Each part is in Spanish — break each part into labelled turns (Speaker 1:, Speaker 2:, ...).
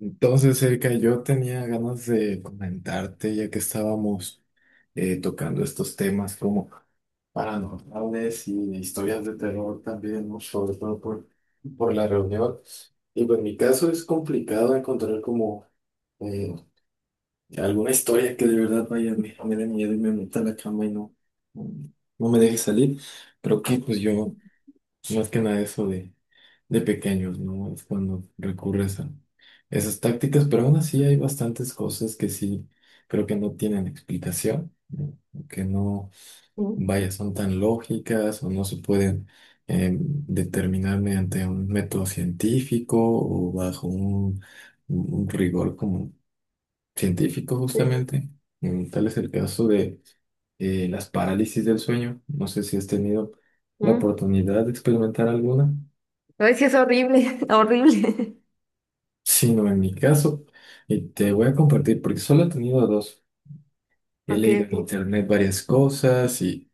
Speaker 1: Entonces, Erika, yo tenía ganas de comentarte, ya que estábamos tocando estos temas como paranormales y historias de terror también, ¿no? Sobre todo por la reunión. Y pues en mi caso es complicado encontrar como eh, alguna historia que de verdad vaya, me dé miedo y me meta a la cama y no no me deje salir. Creo que pues yo más que nada de pequeños, ¿no? Es cuando recurres a esas tácticas, pero aún así hay bastantes cosas que sí creo que no tienen explicación, ¿no? Que no,
Speaker 2: Mm,
Speaker 1: vaya, son tan lógicas o no se pueden determinar mediante un método científico o bajo un rigor como científico
Speaker 2: sí.
Speaker 1: justamente. Tal es el caso de las parálisis del sueño. No sé si has tenido la
Speaker 2: Mm.
Speaker 1: oportunidad de experimentar alguna.
Speaker 2: Ay, sí, es horrible, horrible.
Speaker 1: Sino en mi caso, y te voy a compartir, porque solo he tenido dos. He
Speaker 2: Ok,
Speaker 1: leído en
Speaker 2: ok.
Speaker 1: internet varias cosas y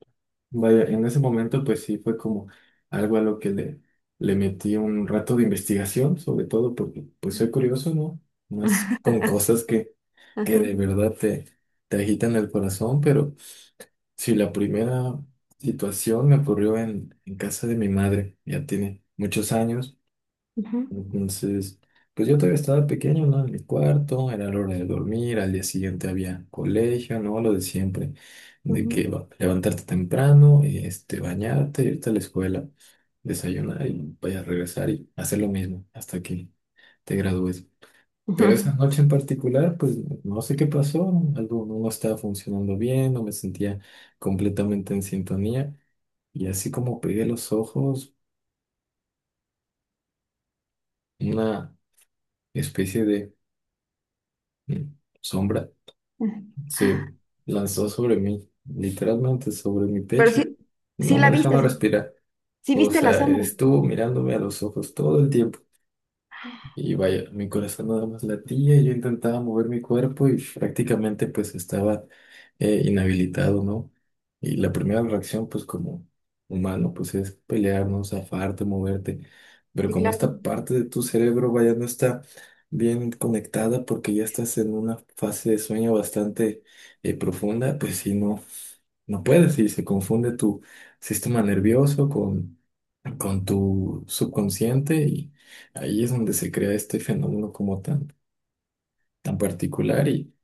Speaker 1: vaya, en ese momento pues sí fue como algo a lo que le metí un rato de investigación, sobre todo porque pues soy curioso, ¿no? Más con cosas que
Speaker 2: Ajá,
Speaker 1: de verdad te agitan el corazón, pero sí, la primera situación me ocurrió en casa de mi madre, ya tiene muchos años.
Speaker 2: ujú,
Speaker 1: Entonces, pues yo todavía estaba pequeño, ¿no? En mi cuarto, era la hora de dormir, al día siguiente había colegio, ¿no? Lo de siempre, de
Speaker 2: ujú,
Speaker 1: levantarte temprano, este, bañarte, irte a la escuela, desayunar y vaya a regresar y hacer lo mismo hasta que te gradúes. Pero esa
Speaker 2: ujú.
Speaker 1: noche en particular, pues no sé qué pasó, algo no estaba funcionando bien, no me sentía completamente en sintonía y así como pegué los ojos, una especie de mm, sombra sí, lanzó sobre mí, literalmente sobre mi
Speaker 2: Pero
Speaker 1: pecho.
Speaker 2: sí, sí
Speaker 1: No me
Speaker 2: la viste, o
Speaker 1: dejaba
Speaker 2: sea,
Speaker 1: respirar.
Speaker 2: sí
Speaker 1: O
Speaker 2: viste la
Speaker 1: sea,
Speaker 2: sombra.
Speaker 1: estuvo mirándome a los ojos todo el tiempo. Y vaya, mi corazón nada más latía, yo intentaba mover mi cuerpo y prácticamente pues estaba inhabilitado, ¿no? Y la primera reacción pues como humano pues es pelearnos, zafarte, moverte, pero
Speaker 2: Sí,
Speaker 1: como
Speaker 2: claro.
Speaker 1: esta parte de tu cerebro vaya no está bien conectada porque ya estás en una fase de sueño bastante profunda, pues si no puedes y se confunde tu sistema nervioso con tu subconsciente y ahí es donde se crea este fenómeno como tan particular y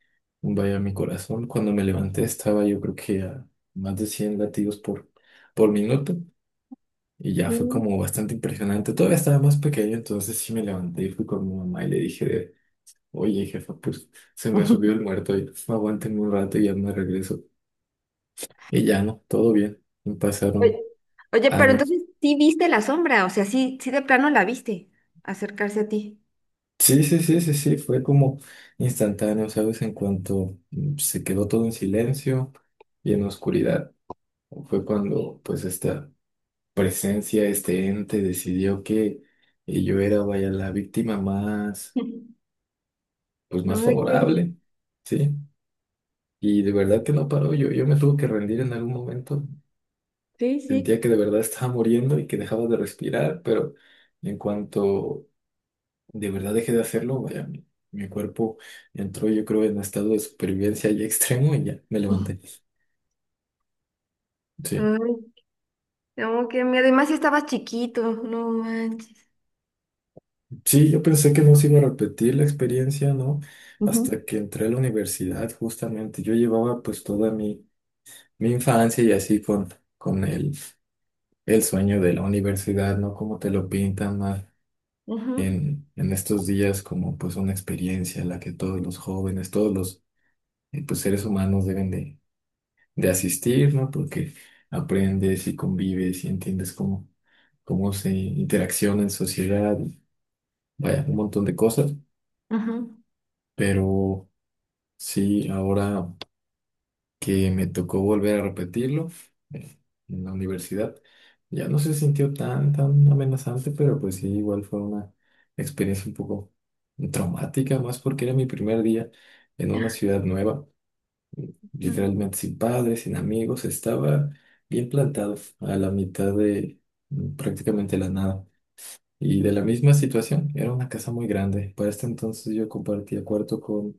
Speaker 1: vaya mi corazón, cuando me levanté estaba yo creo que a más de 100 latidos por minuto y ya fue
Speaker 2: Sí.
Speaker 1: como bastante impresionante, todavía estaba más pequeño, entonces sí me levanté y fui con mi mamá y le dije de, oye jefa, pues se me subió
Speaker 2: Ujú.
Speaker 1: el muerto, y, aguántenme un rato y ya me regreso y ya no, todo bien, pasaron
Speaker 2: Oye, oye, pero
Speaker 1: años.
Speaker 2: entonces sí viste la sombra, o sea, sí, sí de plano la viste acercarse a ti.
Speaker 1: Sí, sí, sí, sí, sí, fue como instantáneo, ¿sabes? En cuanto se quedó todo en silencio y en oscuridad, fue cuando pues esta presencia, este ente decidió que yo era, vaya, la víctima pues más
Speaker 2: Ay, qué miedo.
Speaker 1: favorable, ¿sí? Y de verdad que no paró, yo me tuve que rendir en algún momento,
Speaker 2: Sí,
Speaker 1: sentía
Speaker 2: sí.
Speaker 1: que de verdad estaba muriendo y que dejaba de respirar, pero en cuanto de verdad dejé de hacerlo, vaya, mi cuerpo entró yo creo en un estado de supervivencia y extremo y ya me levanté. Sí,
Speaker 2: Ay, no, qué miedo. Y más si estabas chiquito, no manches.
Speaker 1: sí, yo pensé que no se iba a repetir la experiencia, ¿no? Hasta
Speaker 2: Ujú,
Speaker 1: que entré a la universidad, justamente. Yo llevaba pues toda mi infancia y así con el sueño de la universidad, ¿no? Como te lo pintan más
Speaker 2: ujú,
Speaker 1: en estos días como pues una experiencia en la que todos los jóvenes, todos los pues, seres humanos deben de asistir, ¿no? Porque aprendes y convives y entiendes cómo, cómo se interacciona en sociedad, vaya, un montón de cosas,
Speaker 2: ujú,
Speaker 1: pero sí, ahora que me tocó volver a repetirlo eh, en la universidad, ya no se sintió tan amenazante, pero pues sí, igual fue una experiencia un poco traumática, más porque era mi primer día en una ciudad nueva.
Speaker 2: ujú.
Speaker 1: Literalmente sin padres, sin amigos, estaba bien plantado a la mitad de prácticamente la nada. Y de la misma situación, era una casa muy grande. Para este entonces yo compartía cuarto con,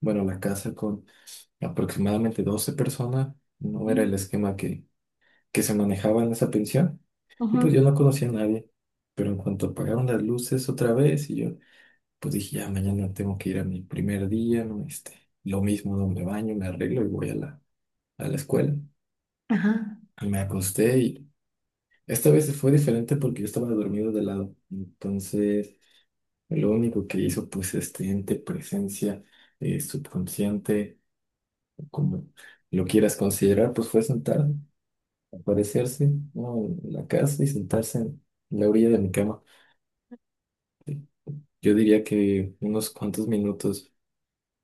Speaker 1: bueno, la casa con aproximadamente 12 personas. No era el esquema que se manejaba en esa pensión. Y pues yo
Speaker 2: Ujú,
Speaker 1: no conocía a nadie. Pero en cuanto apagaron las luces otra vez, y yo pues dije, ya mañana tengo que ir a mi primer día, ¿no? Este, lo mismo, ¿no? Me baño, me arreglo y voy a a la escuela.
Speaker 2: ajá.
Speaker 1: Me acosté y esta vez fue diferente porque yo estaba dormido de lado. Entonces, lo único que hizo, pues, este ente, presencia, subconsciente, como lo quieras considerar, pues fue sentar, aparecerse, ¿no? En la casa y sentarse en la orilla de mi cama. Yo diría que unos cuantos minutos,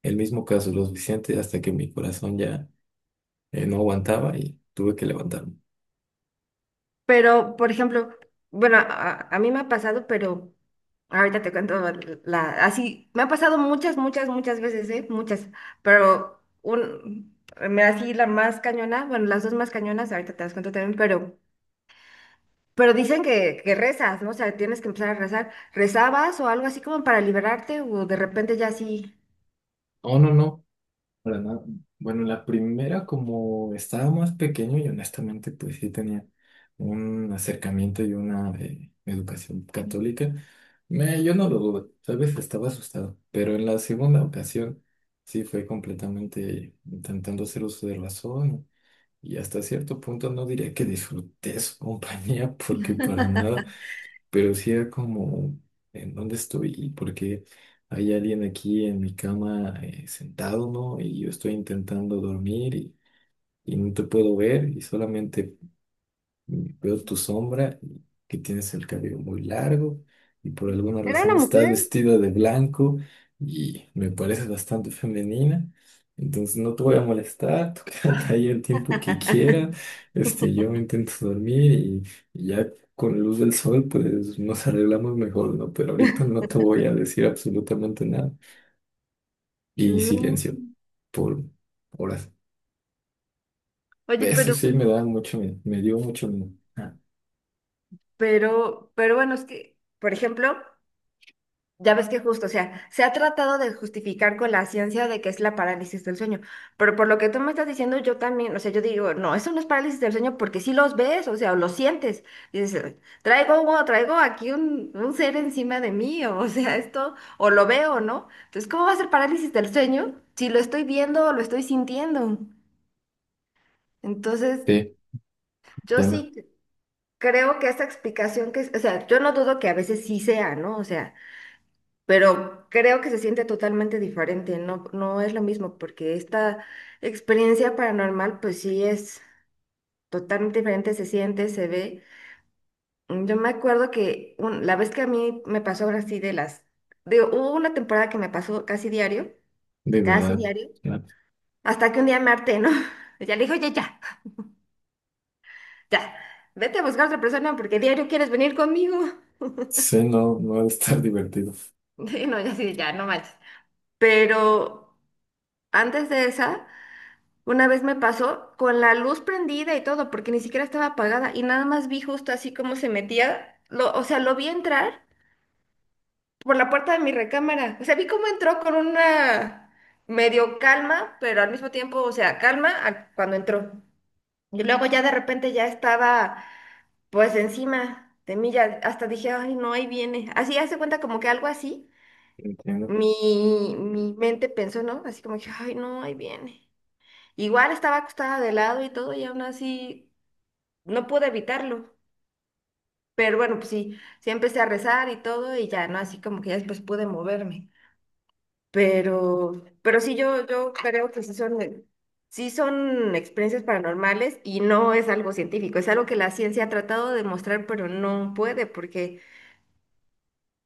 Speaker 1: el mismo caso, lo suficiente hasta que mi corazón ya no aguantaba y tuve que levantarme.
Speaker 2: Pero, por ejemplo, bueno, a mí me ha pasado, pero ahorita te cuento la, así, me ha pasado muchas, muchas, muchas veces, ¿eh? Muchas, pero me así la más cañona, bueno, las dos más cañonas, ahorita te las cuento también, pero, dicen que rezas, ¿no? O sea, tienes que empezar a rezar. ¿Rezabas o algo así como para liberarte o de repente ya así?
Speaker 1: Oh, no, no. Para nada. Bueno, la primera, como estaba más pequeño y honestamente, pues sí tenía un acercamiento y una educación católica, me, yo no lo dudo, ¿sabes? Estaba asustado. Pero en la segunda ocasión, sí fue completamente intentando hacer uso de razón y hasta cierto punto no diría que disfruté su compañía porque para nada, pero sí era como, ¿en dónde estoy? ¿Y por qué hay alguien aquí en mi cama sentado, ¿no? Y yo estoy intentando dormir y no te puedo ver y solamente y veo tu sombra, que tienes el cabello muy largo y por alguna
Speaker 2: ¿Era
Speaker 1: razón
Speaker 2: una
Speaker 1: estás
Speaker 2: mujer?
Speaker 1: vestida de blanco y me pareces bastante femenina. Entonces no te voy a molestar, tú quédate ahí el tiempo que quieras. Este, yo me intento dormir y ya con la luz del sol pues nos arreglamos mejor, ¿no? Pero ahorita no te voy a decir absolutamente nada. Y
Speaker 2: No.
Speaker 1: silencio por horas.
Speaker 2: Oye,
Speaker 1: Eso
Speaker 2: pero,
Speaker 1: sí me da mucho miedo, me dio mucho miedo. Ah,
Speaker 2: pero, pero bueno, es que, por ejemplo... Ya ves que justo, o sea, se ha tratado de justificar con la ciencia de que es la parálisis del sueño, pero por lo que tú me estás diciendo, yo también, o sea, yo digo, no, eso no es parálisis del sueño porque sí los ves, o sea, o los sientes, dices, traigo, o traigo aquí un ser encima de mí, o o sea, esto, o lo veo, ¿no? Entonces, ¿cómo va a ser parálisis del sueño si lo estoy viendo o lo estoy sintiendo? Entonces,
Speaker 1: sí,
Speaker 2: yo
Speaker 1: ya me...
Speaker 2: sí creo que esta explicación que, o sea, yo no dudo que a veces sí sea, ¿no? O sea, pero creo que se siente totalmente diferente, no, no es lo mismo, porque esta experiencia paranormal, pues sí es totalmente diferente, se siente, se ve. Yo me acuerdo que la vez que a mí me pasó ahora sí de las, digo, hubo una temporada que me pasó
Speaker 1: De
Speaker 2: casi
Speaker 1: verdad,
Speaker 2: diario,
Speaker 1: ya
Speaker 2: hasta que un día me harté, ¿no? Ya le dije, oye, ya, ya, vete a buscar otra persona porque diario quieres venir conmigo.
Speaker 1: sé, no, no ha de estar divertido.
Speaker 2: Y no, ya sí, ya, no manches. Pero antes de esa... Una vez me pasó con la luz prendida y todo, porque ni siquiera estaba apagada y nada más vi justo así como se metía, o sea, lo vi entrar por la puerta de mi recámara. O sea, vi cómo entró con una medio calma, pero al mismo tiempo, o sea, calma cuando entró. Y luego ya de repente ya estaba pues encima de mí, ya hasta dije, ay, no, ahí viene. Así hace cuenta como que algo así.
Speaker 1: Entiendo.
Speaker 2: Mi mente pensó, ¿no? Así como que, ay, no, ahí viene. Igual estaba acostada de lado y todo, y aún así no pude evitarlo, pero bueno, pues sí, sí empecé a rezar y todo y ya, ¿no? Así como que ya después pude moverme. Pero sí, yo creo que sí son experiencias paranormales y no es algo científico, es algo que la ciencia ha tratado de demostrar, pero no puede, porque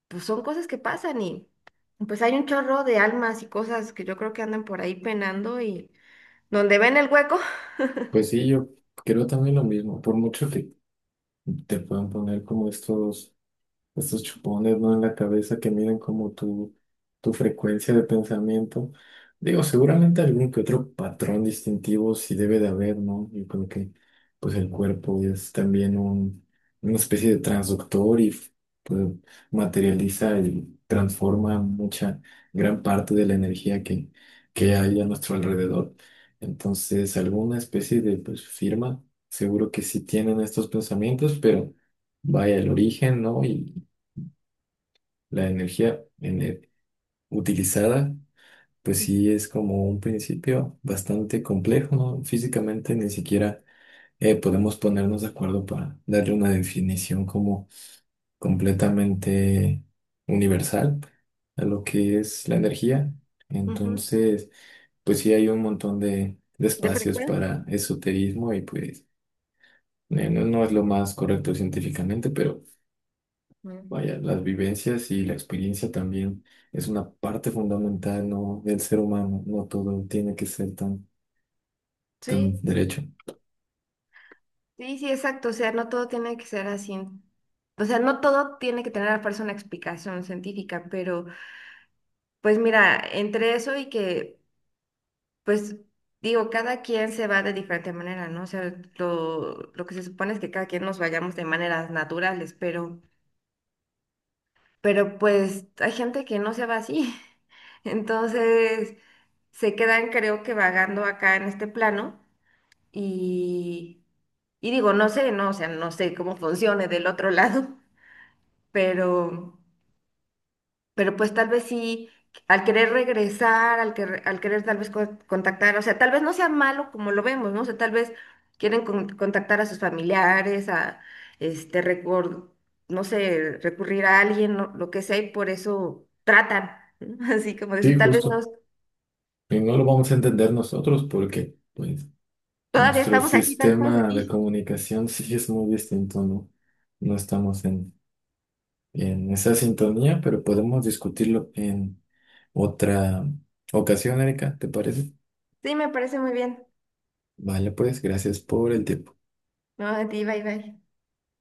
Speaker 2: pues son cosas que pasan y pues hay un chorro de almas y cosas que yo creo que andan por ahí penando y donde ven el hueco,
Speaker 1: Pues sí, yo creo también lo mismo. Por mucho que te puedan poner como estos, estos chupones, ¿no? En la cabeza que miden como tu frecuencia de pensamiento. Digo, seguramente algún que otro patrón distintivo sí debe de haber, ¿no? Yo creo que pues el cuerpo es también una especie de transductor y pues, materializa y transforma mucha, gran parte de la energía que hay a nuestro alrededor. Entonces, alguna especie de pues, firma, seguro que sí tienen estos pensamientos, pero vaya el origen, ¿no? La utilizada, pues sí
Speaker 2: ujú,
Speaker 1: es como un principio bastante complejo, ¿no? Físicamente ni siquiera podemos ponernos de acuerdo para darle una definición como completamente universal a lo que es la energía.
Speaker 2: ujú,
Speaker 1: Entonces, pues sí hay un montón de
Speaker 2: de
Speaker 1: espacios
Speaker 2: frecuencia.
Speaker 1: para esoterismo y pues no, no es lo más correcto científicamente, pero
Speaker 2: Mm.
Speaker 1: vaya, las vivencias y la experiencia también es una parte fundamental, ¿no? Del ser humano. No todo tiene que ser tan
Speaker 2: Sí.
Speaker 1: derecho.
Speaker 2: Sí, sí, exacto. O sea, no todo tiene que ser así. O sea, no todo tiene que tener a fuerza una explicación científica, pero pues mira, entre eso y que, pues digo, cada quien se va de diferente manera, ¿no? O sea, lo que se supone es que cada quien nos vayamos de maneras naturales, pero, pues hay gente que no se va así. Entonces, se quedan, creo que vagando acá en este plano y, y digo, no sé, no, o sea, no sé cómo funcione del otro lado. pero, pero pues tal vez sí, al querer regresar, al querer tal vez contactar, o sea, tal vez no sea malo como lo vemos, ¿no? O sea, tal vez quieren contactar a sus familiares, a, este, no sé, recurrir a alguien, lo que sea, y por eso tratan, ¿no? Así como de
Speaker 1: Sí,
Speaker 2: eso, tal vez no
Speaker 1: justo. Y no lo vamos a entender nosotros porque, pues,
Speaker 2: todavía
Speaker 1: nuestro
Speaker 2: estamos aquí, tal vez estamos
Speaker 1: sistema de
Speaker 2: aquí.
Speaker 1: comunicación sí es muy distinto, ¿no? No estamos en esa sintonía, pero podemos discutirlo en otra ocasión, Erika, ¿te parece?
Speaker 2: Sí, me parece muy bien.
Speaker 1: Vale, pues, gracias por el tiempo.
Speaker 2: No, a ti, bye, bye.